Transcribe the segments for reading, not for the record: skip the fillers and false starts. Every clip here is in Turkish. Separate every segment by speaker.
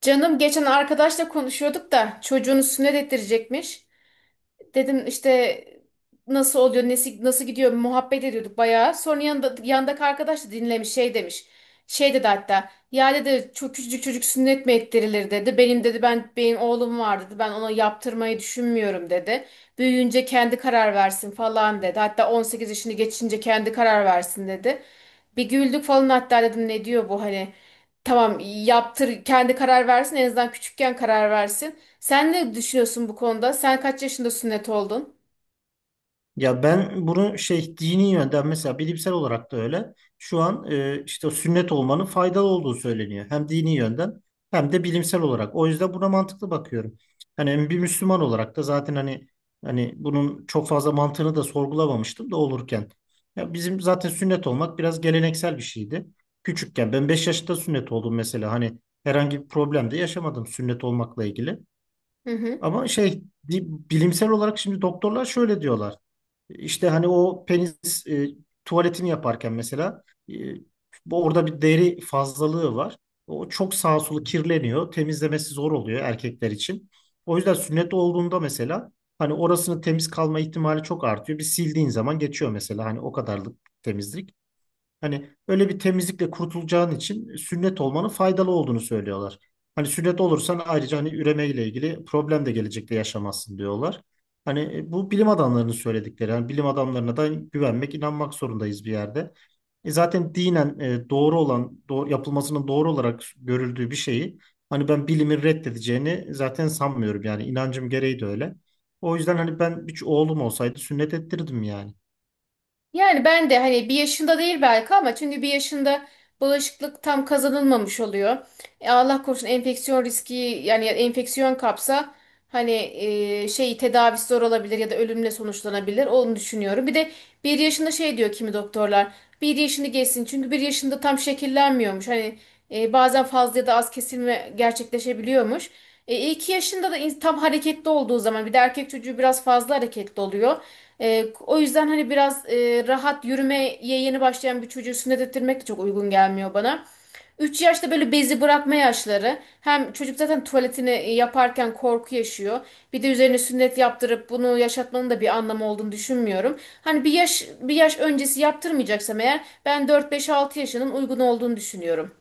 Speaker 1: Canım geçen arkadaşla konuşuyorduk da çocuğunu sünnet ettirecekmiş. Dedim işte nasıl oluyor, nesi, nasıl gidiyor muhabbet ediyorduk bayağı. Sonra yanında, yandaki arkadaş da dinlemiş şey demiş. Şey dedi hatta ya dedi çok küçücük çocuk sünnet mi ettirilir dedi. Benim dedi benim oğlum var dedi. Ben ona yaptırmayı düşünmüyorum dedi. Büyüyünce kendi karar versin falan dedi. Hatta 18 yaşını geçince kendi karar versin dedi. Bir güldük falan hatta dedim ne diyor bu hani tamam yaptır kendi karar versin en azından küçükken karar versin. Sen ne düşünüyorsun bu konuda? Sen kaç yaşında sünnet oldun?
Speaker 2: Ya ben bunu şey dini yönden mesela bilimsel olarak da öyle. Şu an işte sünnet olmanın faydalı olduğu söyleniyor. Hem dini yönden hem de bilimsel olarak. O yüzden buna mantıklı bakıyorum. Hani bir Müslüman olarak da zaten hani bunun çok fazla mantığını da sorgulamamıştım da olurken. Ya bizim zaten sünnet olmak biraz geleneksel bir şeydi. Küçükken ben 5 yaşında sünnet oldum mesela. Hani herhangi bir problem de yaşamadım sünnet olmakla ilgili.
Speaker 1: Hı hı.
Speaker 2: Ama şey di- bilimsel olarak şimdi doktorlar şöyle diyorlar. İşte hani o penis tuvaletini yaparken mesela e, orada bir deri fazlalığı var. O çok sağa sola kirleniyor. Temizlemesi zor oluyor erkekler için. O yüzden sünnet olduğunda mesela hani orasının temiz kalma ihtimali çok artıyor. Bir sildiğin zaman geçiyor mesela hani o kadarlık temizlik. Hani öyle bir temizlikle kurtulacağın için sünnet olmanın faydalı olduğunu söylüyorlar. Hani sünnet olursan ayrıca hani üreme ile ilgili problem de gelecekte yaşamazsın diyorlar. Hani bu bilim adamlarının söyledikleri. Yani bilim adamlarına da güvenmek, inanmak zorundayız bir yerde. E zaten dinen doğru olan, doğru, yapılmasının doğru olarak görüldüğü bir şeyi hani ben bilimin reddedeceğini zaten sanmıyorum. Yani inancım gereği de öyle. O yüzden hani ben bir oğlum olsaydı sünnet ettirirdim yani.
Speaker 1: Yani ben de hani bir yaşında değil belki ama çünkü bir yaşında bağışıklık tam kazanılmamış oluyor. Allah korusun enfeksiyon riski yani ya enfeksiyon kapsa hani şey tedavisi zor olabilir ya da ölümle sonuçlanabilir. Onu düşünüyorum. Bir de bir yaşında şey diyor kimi doktorlar. Bir yaşını geçsin çünkü bir yaşında tam şekillenmiyormuş. Hani bazen fazla ya da az kesilme gerçekleşebiliyormuş. 2 yaşında da tam hareketli olduğu zaman bir de erkek çocuğu biraz fazla hareketli oluyor. O yüzden hani biraz rahat yürümeye yeni başlayan bir çocuğu sünnet ettirmek de çok uygun gelmiyor bana. 3 yaşta böyle bezi bırakma yaşları. Hem çocuk zaten tuvaletini yaparken korku yaşıyor. Bir de üzerine sünnet yaptırıp bunu yaşatmanın da bir anlamı olduğunu düşünmüyorum. Hani bir yaş öncesi yaptırmayacaksam eğer ben dört beş altı yaşının uygun olduğunu düşünüyorum.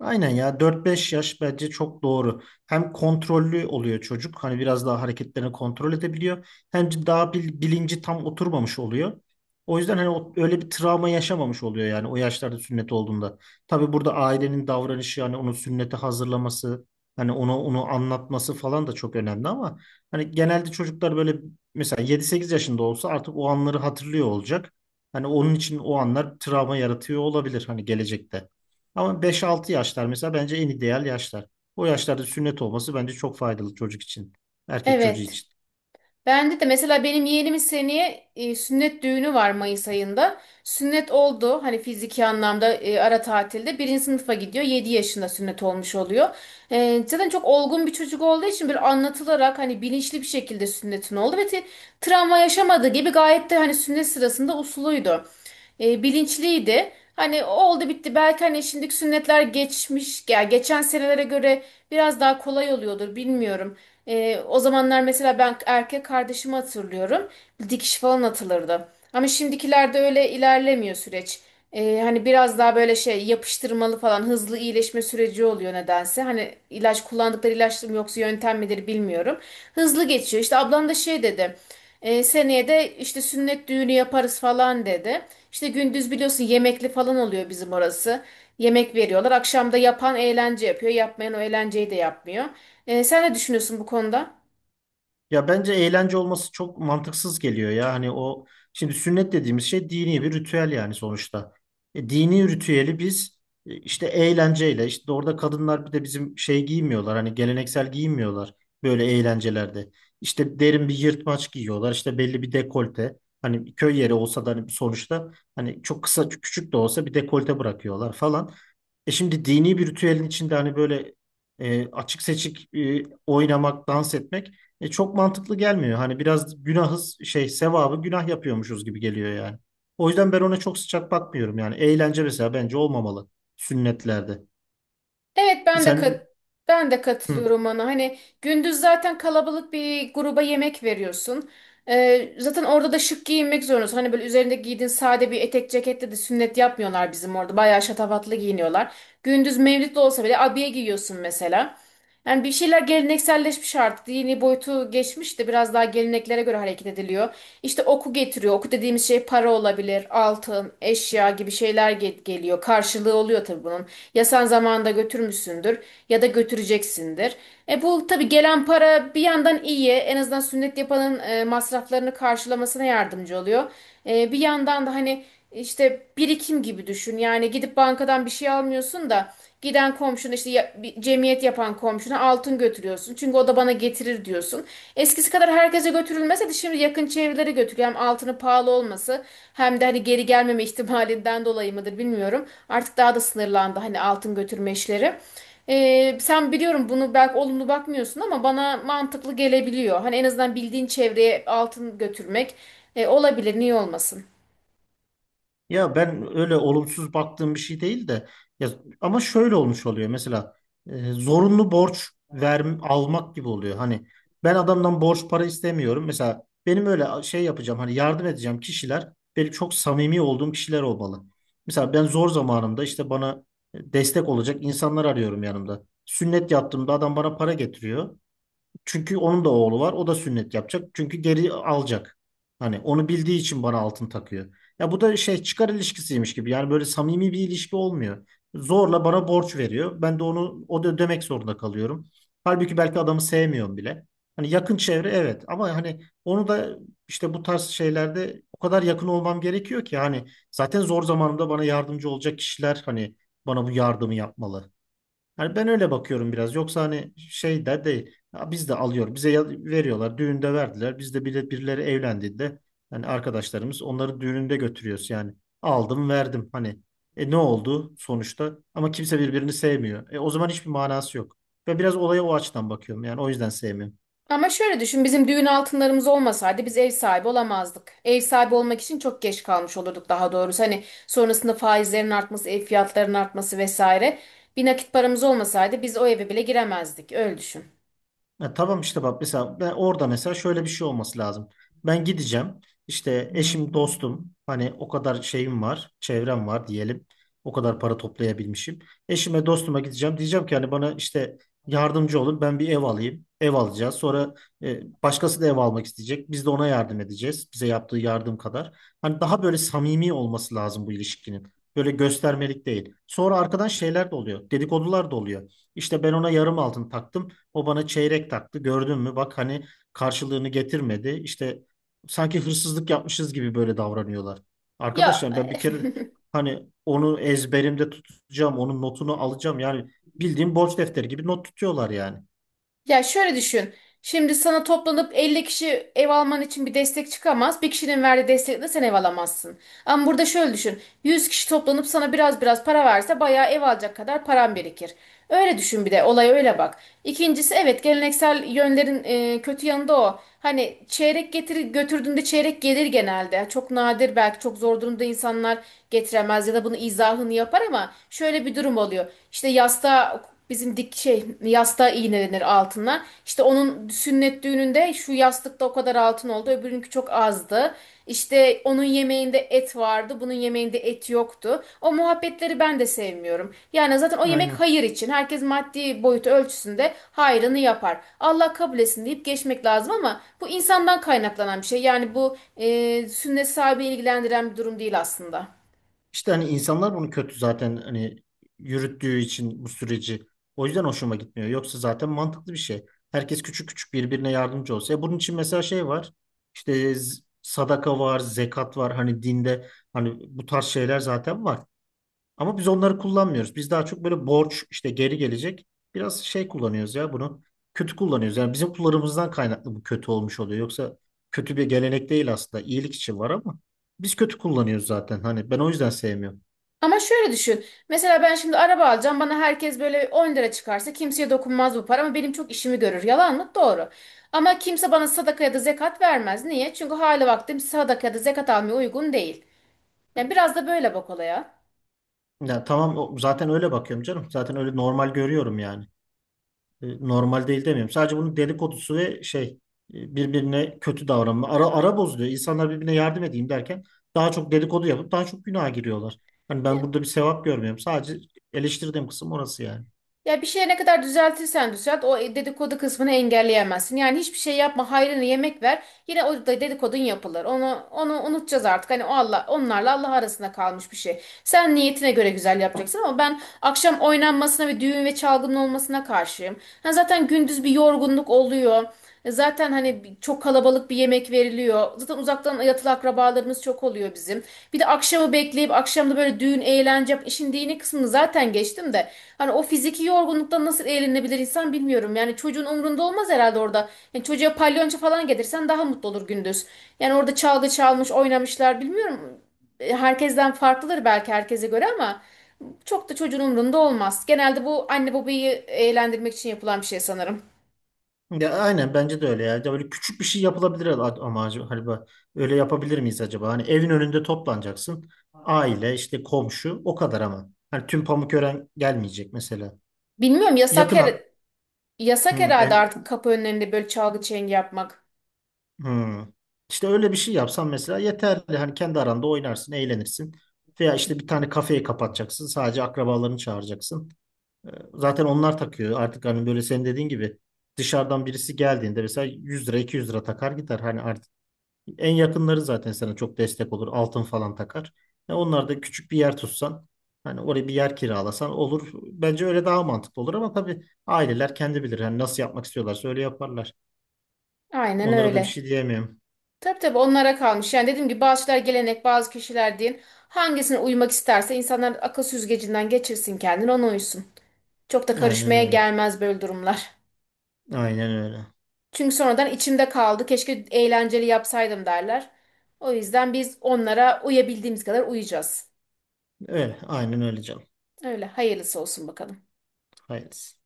Speaker 2: Aynen ya 4 5 yaş bence çok doğru. Hem kontrollü oluyor çocuk. Hani biraz daha hareketlerini kontrol edebiliyor. Hem de daha bilinci tam oturmamış oluyor. O yüzden hani öyle bir travma yaşamamış oluyor yani o yaşlarda sünnet olduğunda. Tabii burada ailenin davranışı yani onu sünnete hazırlaması, hani onu anlatması falan da çok önemli ama hani genelde çocuklar böyle mesela 7 8 yaşında olsa artık o anları hatırlıyor olacak. Hani onun için o anlar travma yaratıyor olabilir hani gelecekte. Ama 5-6 yaşlar mesela bence en ideal yaşlar. O yaşlarda sünnet olması bence çok faydalı çocuk için. Erkek çocuğu
Speaker 1: Evet.
Speaker 2: için.
Speaker 1: Bende de mesela benim yeğenimin seneye sünnet düğünü var Mayıs ayında. Sünnet oldu hani fiziki anlamda ara tatilde. Birinci sınıfa gidiyor. 7 yaşında sünnet olmuş oluyor. Zaten çok olgun bir çocuk olduğu için böyle anlatılarak hani bilinçli bir şekilde sünnetin oldu. Ve travma yaşamadığı gibi gayet de hani sünnet sırasında usuluydu. Bilinçliydi. Hani oldu bitti. Belki hani şimdiki sünnetler geçmiş, ya geçen senelere göre biraz daha kolay oluyordur bilmiyorum. O zamanlar mesela ben erkek kardeşimi hatırlıyorum. Dikiş falan atılırdı. Ama şimdikilerde öyle ilerlemiyor süreç. Hani biraz daha böyle şey yapıştırmalı falan hızlı iyileşme süreci oluyor nedense. Hani ilaç kullandıkları ilaç mı yoksa yöntem midir bilmiyorum. Hızlı geçiyor. İşte ablam da şey dedi. Seneye de işte sünnet düğünü yaparız falan dedi. İşte gündüz biliyorsun yemekli falan oluyor bizim orası. Yemek veriyorlar. Akşam da yapan eğlence yapıyor. Yapmayan o eğlenceyi de yapmıyor. Sen ne düşünüyorsun bu konuda?
Speaker 2: Ya bence eğlence olması çok mantıksız geliyor ya. Hani o şimdi sünnet dediğimiz şey dini bir ritüel yani sonuçta. E, dini ritüeli biz işte eğlenceyle işte orada kadınlar bir de bizim şey giymiyorlar. Hani geleneksel giyinmiyorlar böyle eğlencelerde. İşte derin bir yırtmaç giyiyorlar. İşte belli bir dekolte. Hani köy yeri olsa da hani sonuçta hani çok kısa küçük de olsa bir dekolte bırakıyorlar falan. E şimdi dini bir ritüelin içinde hani böyle açık seçik oynamak, dans etmek çok mantıklı gelmiyor. Hani biraz günahız şey sevabı günah yapıyormuşuz gibi geliyor yani. O yüzden ben ona çok sıcak bakmıyorum yani. Eğlence mesela bence olmamalı sünnetlerde.
Speaker 1: Evet ben de
Speaker 2: Sen
Speaker 1: ben de
Speaker 2: hı.
Speaker 1: katılıyorum ona. Hani gündüz zaten kalabalık bir gruba yemek veriyorsun. Zaten orada da şık giyinmek zorundasın. Hani böyle üzerinde giydiğin sade bir etek ceketle de sünnet yapmıyorlar bizim orada. Bayağı şatafatlı giyiniyorlar. Gündüz mevlid de olsa bile abiye giyiyorsun mesela. Yani bir şeyler gelenekselleşmiş artık. Dini boyutu geçmiş de biraz daha geleneklere göre hareket ediliyor. İşte oku getiriyor. Oku dediğimiz şey para olabilir, altın, eşya gibi şeyler geliyor. Karşılığı oluyor tabii bunun. Ya sen zamanında götürmüşsündür ya da götüreceksindir. E bu tabii gelen para bir yandan iyi. En azından sünnet yapanın masraflarını karşılamasına yardımcı oluyor. Bir yandan da hani işte birikim gibi düşün. Yani gidip bankadan bir şey almıyorsun da giden komşuna işte bir cemiyet yapan komşuna altın götürüyorsun. Çünkü o da bana getirir diyorsun. Eskisi kadar herkese götürülmese de şimdi yakın çevrelere götürüyor. Hem altının pahalı olması hem de hani geri gelmeme ihtimalinden dolayı mıdır bilmiyorum. Artık daha da sınırlandı hani altın götürme işleri. Sen biliyorum bunu belki olumlu bakmıyorsun ama bana mantıklı gelebiliyor. Hani en azından bildiğin çevreye altın götürmek olabilir, niye olmasın?
Speaker 2: Ya ben öyle olumsuz baktığım bir şey değil de ya, ama şöyle olmuş oluyor mesela zorunlu borç ver, almak gibi oluyor. Hani ben adamdan borç para istemiyorum. Mesela benim öyle şey yapacağım hani yardım edeceğim kişiler benim çok samimi olduğum kişiler olmalı. Mesela ben zor zamanımda işte bana destek olacak insanlar arıyorum yanımda. Sünnet yaptığımda adam bana para getiriyor. Çünkü onun da oğlu var. O da sünnet yapacak. Çünkü geri alacak. Hani onu bildiği için bana altın takıyor. Ya bu da şey çıkar ilişkisiymiş gibi. Yani böyle samimi bir ilişki olmuyor. Zorla bana borç veriyor. Ben de onu o da ödemek zorunda kalıyorum. Halbuki belki adamı sevmiyorum bile. Hani yakın çevre evet ama hani onu da işte bu tarz şeylerde o kadar yakın olmam gerekiyor ki hani zaten zor zamanımda bana yardımcı olacak kişiler hani bana bu yardımı yapmalı. Yani ben öyle bakıyorum biraz. Yoksa hani şey de değil. Ya biz de alıyor. Bize veriyorlar. Düğünde verdiler. Biz de bile birileri evlendiğinde yani arkadaşlarımız onları düğününde götürüyoruz yani. Aldım verdim hani. E ne oldu sonuçta? Ama kimse birbirini sevmiyor. E o zaman hiçbir manası yok. Ve biraz olaya o açıdan bakıyorum. Yani o yüzden sevmiyorum.
Speaker 1: Ama şöyle düşün, bizim düğün altınlarımız olmasaydı biz ev sahibi olamazdık. Ev sahibi olmak için çok geç kalmış olurduk daha doğrusu. Hani sonrasında faizlerin artması, ev fiyatlarının artması vesaire. Bir nakit paramız olmasaydı biz o eve bile giremezdik. Öyle düşün.
Speaker 2: Ya tamam işte bak mesela ben orada mesela şöyle bir şey olması lazım. Ben gideceğim. İşte eşim, dostum hani o kadar şeyim var, çevrem var diyelim. O kadar para toplayabilmişim. Eşime, dostuma gideceğim. Diyeceğim ki hani bana işte yardımcı olun. Ben bir ev alayım. Ev alacağız. Sonra başkası da ev almak isteyecek. Biz de ona yardım edeceğiz. Bize yaptığı yardım kadar. Hani daha böyle samimi olması lazım bu ilişkinin. Böyle göstermelik değil. Sonra arkadan şeyler de oluyor. Dedikodular da oluyor. İşte ben ona yarım altın taktım. O bana çeyrek taktı. Gördün mü? Bak hani karşılığını getirmedi. İşte sanki hırsızlık yapmışız gibi böyle davranıyorlar.
Speaker 1: Ya
Speaker 2: Arkadaşlar ben bir kere hani onu ezberimde tutacağım, onun notunu alacağım. Yani bildiğim borç defteri gibi not tutuyorlar yani.
Speaker 1: Ya şöyle düşün. Şimdi sana toplanıp 50 kişi ev alman için bir destek çıkamaz. Bir kişinin verdiği destekle sen ev alamazsın. Ama burada şöyle düşün. 100 kişi toplanıp sana biraz biraz para verse bayağı ev alacak kadar paran birikir. Öyle düşün bir de olaya öyle bak. İkincisi evet geleneksel yönlerin kötü yanı da o. Hani çeyrek getir götürdüğünde çeyrek gelir genelde. Çok nadir belki çok zor durumda insanlar getiremez ya da bunu izahını yapar ama şöyle bir durum oluyor. İşte yasta bizim dik şey yastığa iğnelenir altına. İşte onun sünnet düğününde şu yastıkta o kadar altın oldu, öbürünki çok azdı. İşte onun yemeğinde et vardı, bunun yemeğinde et yoktu. O muhabbetleri ben de sevmiyorum. Yani zaten o yemek
Speaker 2: Aynen.
Speaker 1: hayır için. Herkes maddi boyutu ölçüsünde hayrını yapar. Allah kabul etsin deyip geçmek lazım ama bu insandan kaynaklanan bir şey. Yani bu sünnet sahibi ilgilendiren bir durum değil aslında.
Speaker 2: İşte hani insanlar bunu kötü zaten hani yürüttüğü için bu süreci. O yüzden hoşuma gitmiyor. Yoksa zaten mantıklı bir şey. Herkes küçük küçük birbirine yardımcı olsa. E bunun için mesela şey var. İşte sadaka var, zekat var. Hani dinde hani bu tarz şeyler zaten var. Ama biz onları kullanmıyoruz. Biz daha çok böyle borç işte geri gelecek. Biraz şey kullanıyoruz ya bunu. Kötü kullanıyoruz. Yani bizim kullarımızdan kaynaklı bu kötü olmuş oluyor. Yoksa kötü bir gelenek değil aslında. İyilik için var ama biz kötü kullanıyoruz zaten. Hani ben o yüzden sevmiyorum.
Speaker 1: Ama şöyle düşün. Mesela ben şimdi araba alacağım. Bana herkes böyle 10 lira çıkarsa kimseye dokunmaz bu para ama benim çok işimi görür. Yalan mı? Doğru. Ama kimse bana sadaka ya da zekat vermez. Niye? Çünkü hali vaktim sadaka ya da zekat almaya uygun değil. Yani biraz da böyle bak olaya.
Speaker 2: Ya tamam zaten öyle bakıyorum canım. Zaten öyle normal görüyorum yani. E, normal değil demiyorum. Sadece bunun dedikodusu ve şey birbirine kötü davranma. Ara, ara bozuluyor. İnsanlar birbirine yardım edeyim derken daha çok dedikodu yapıp daha çok günaha giriyorlar. Hani ben burada bir sevap görmüyorum. Sadece eleştirdiğim kısım orası yani.
Speaker 1: Ya bir şeye ne kadar düzeltirsen düzelt o dedikodu kısmını engelleyemezsin. Yani hiçbir şey yapma hayrını yemek ver. Yine o da dedikodun yapılır. Onu unutacağız artık. Hani o Allah onlarla Allah arasında kalmış bir şey. Sen niyetine göre güzel yapacaksın ama ben akşam oynanmasına ve düğün ve çalgının olmasına karşıyım. Ha zaten gündüz bir yorgunluk oluyor. E zaten hani çok kalabalık bir yemek veriliyor. Zaten uzaktan yatılı akrabalarımız çok oluyor bizim. Bir de akşamı bekleyip akşamda böyle düğün, eğlence, işin dini kısmını zaten geçtim de. Hani o fiziki yorgunluktan nasıl eğlenebilir insan bilmiyorum. Yani çocuğun umrunda olmaz herhalde orada. Yani çocuğa palyonço falan getirsen daha mutlu olur gündüz. Yani orada çalgı çalmış, oynamışlar bilmiyorum. Herkesten farklıdır belki herkese göre ama çok da çocuğun umrunda olmaz. Genelde bu anne babayı eğlendirmek için yapılan bir şey sanırım.
Speaker 2: Ya aynen bence de öyle ya. Ya böyle küçük bir şey yapılabilir ama acaba hani bak, öyle yapabilir miyiz acaba? Hani evin önünde toplanacaksın. Aile işte komşu o kadar ama. Hani tüm Pamukören gelmeyecek mesela
Speaker 1: Bilmiyorum
Speaker 2: yakın.
Speaker 1: Yasak
Speaker 2: Hı,
Speaker 1: herhalde
Speaker 2: el,
Speaker 1: artık kapı önlerinde böyle çalgı çengi yapmak.
Speaker 2: hı. İşte öyle bir şey yapsan mesela yeterli. Hani kendi aranda oynarsın, eğlenirsin. Veya işte bir tane kafeyi kapatacaksın. Sadece akrabalarını çağıracaksın. Ee, Zaten onlar takıyor. Artık hani böyle senin dediğin gibi dışarıdan birisi geldiğinde mesela 100 lira 200 lira takar gider. Hani artık en yakınları zaten sana çok destek olur. Altın falan takar. Ya onlar da küçük bir yer tutsan hani oraya bir yer kiralasan olur. Bence öyle daha mantıklı olur ama tabii aileler kendi bilir. Hani nasıl yapmak istiyorlarsa öyle yaparlar.
Speaker 1: Aynen
Speaker 2: Onlara da bir
Speaker 1: öyle.
Speaker 2: şey diyemiyorum.
Speaker 1: Tabii tabii onlara kalmış. Yani dediğim gibi bazı şeyler gelenek, bazı kişiler din. Hangisine uymak isterse insanlar akıl süzgecinden geçirsin kendini ona uysun. Çok da
Speaker 2: Aynen
Speaker 1: karışmaya
Speaker 2: öyle.
Speaker 1: gelmez böyle durumlar.
Speaker 2: Aynen öyle.
Speaker 1: Çünkü sonradan içimde kaldı. Keşke eğlenceli yapsaydım derler. O yüzden biz onlara uyabildiğimiz kadar uyacağız.
Speaker 2: Öyle. Aynen öyle canım.
Speaker 1: Öyle hayırlısı olsun bakalım.
Speaker 2: Hayırlısı.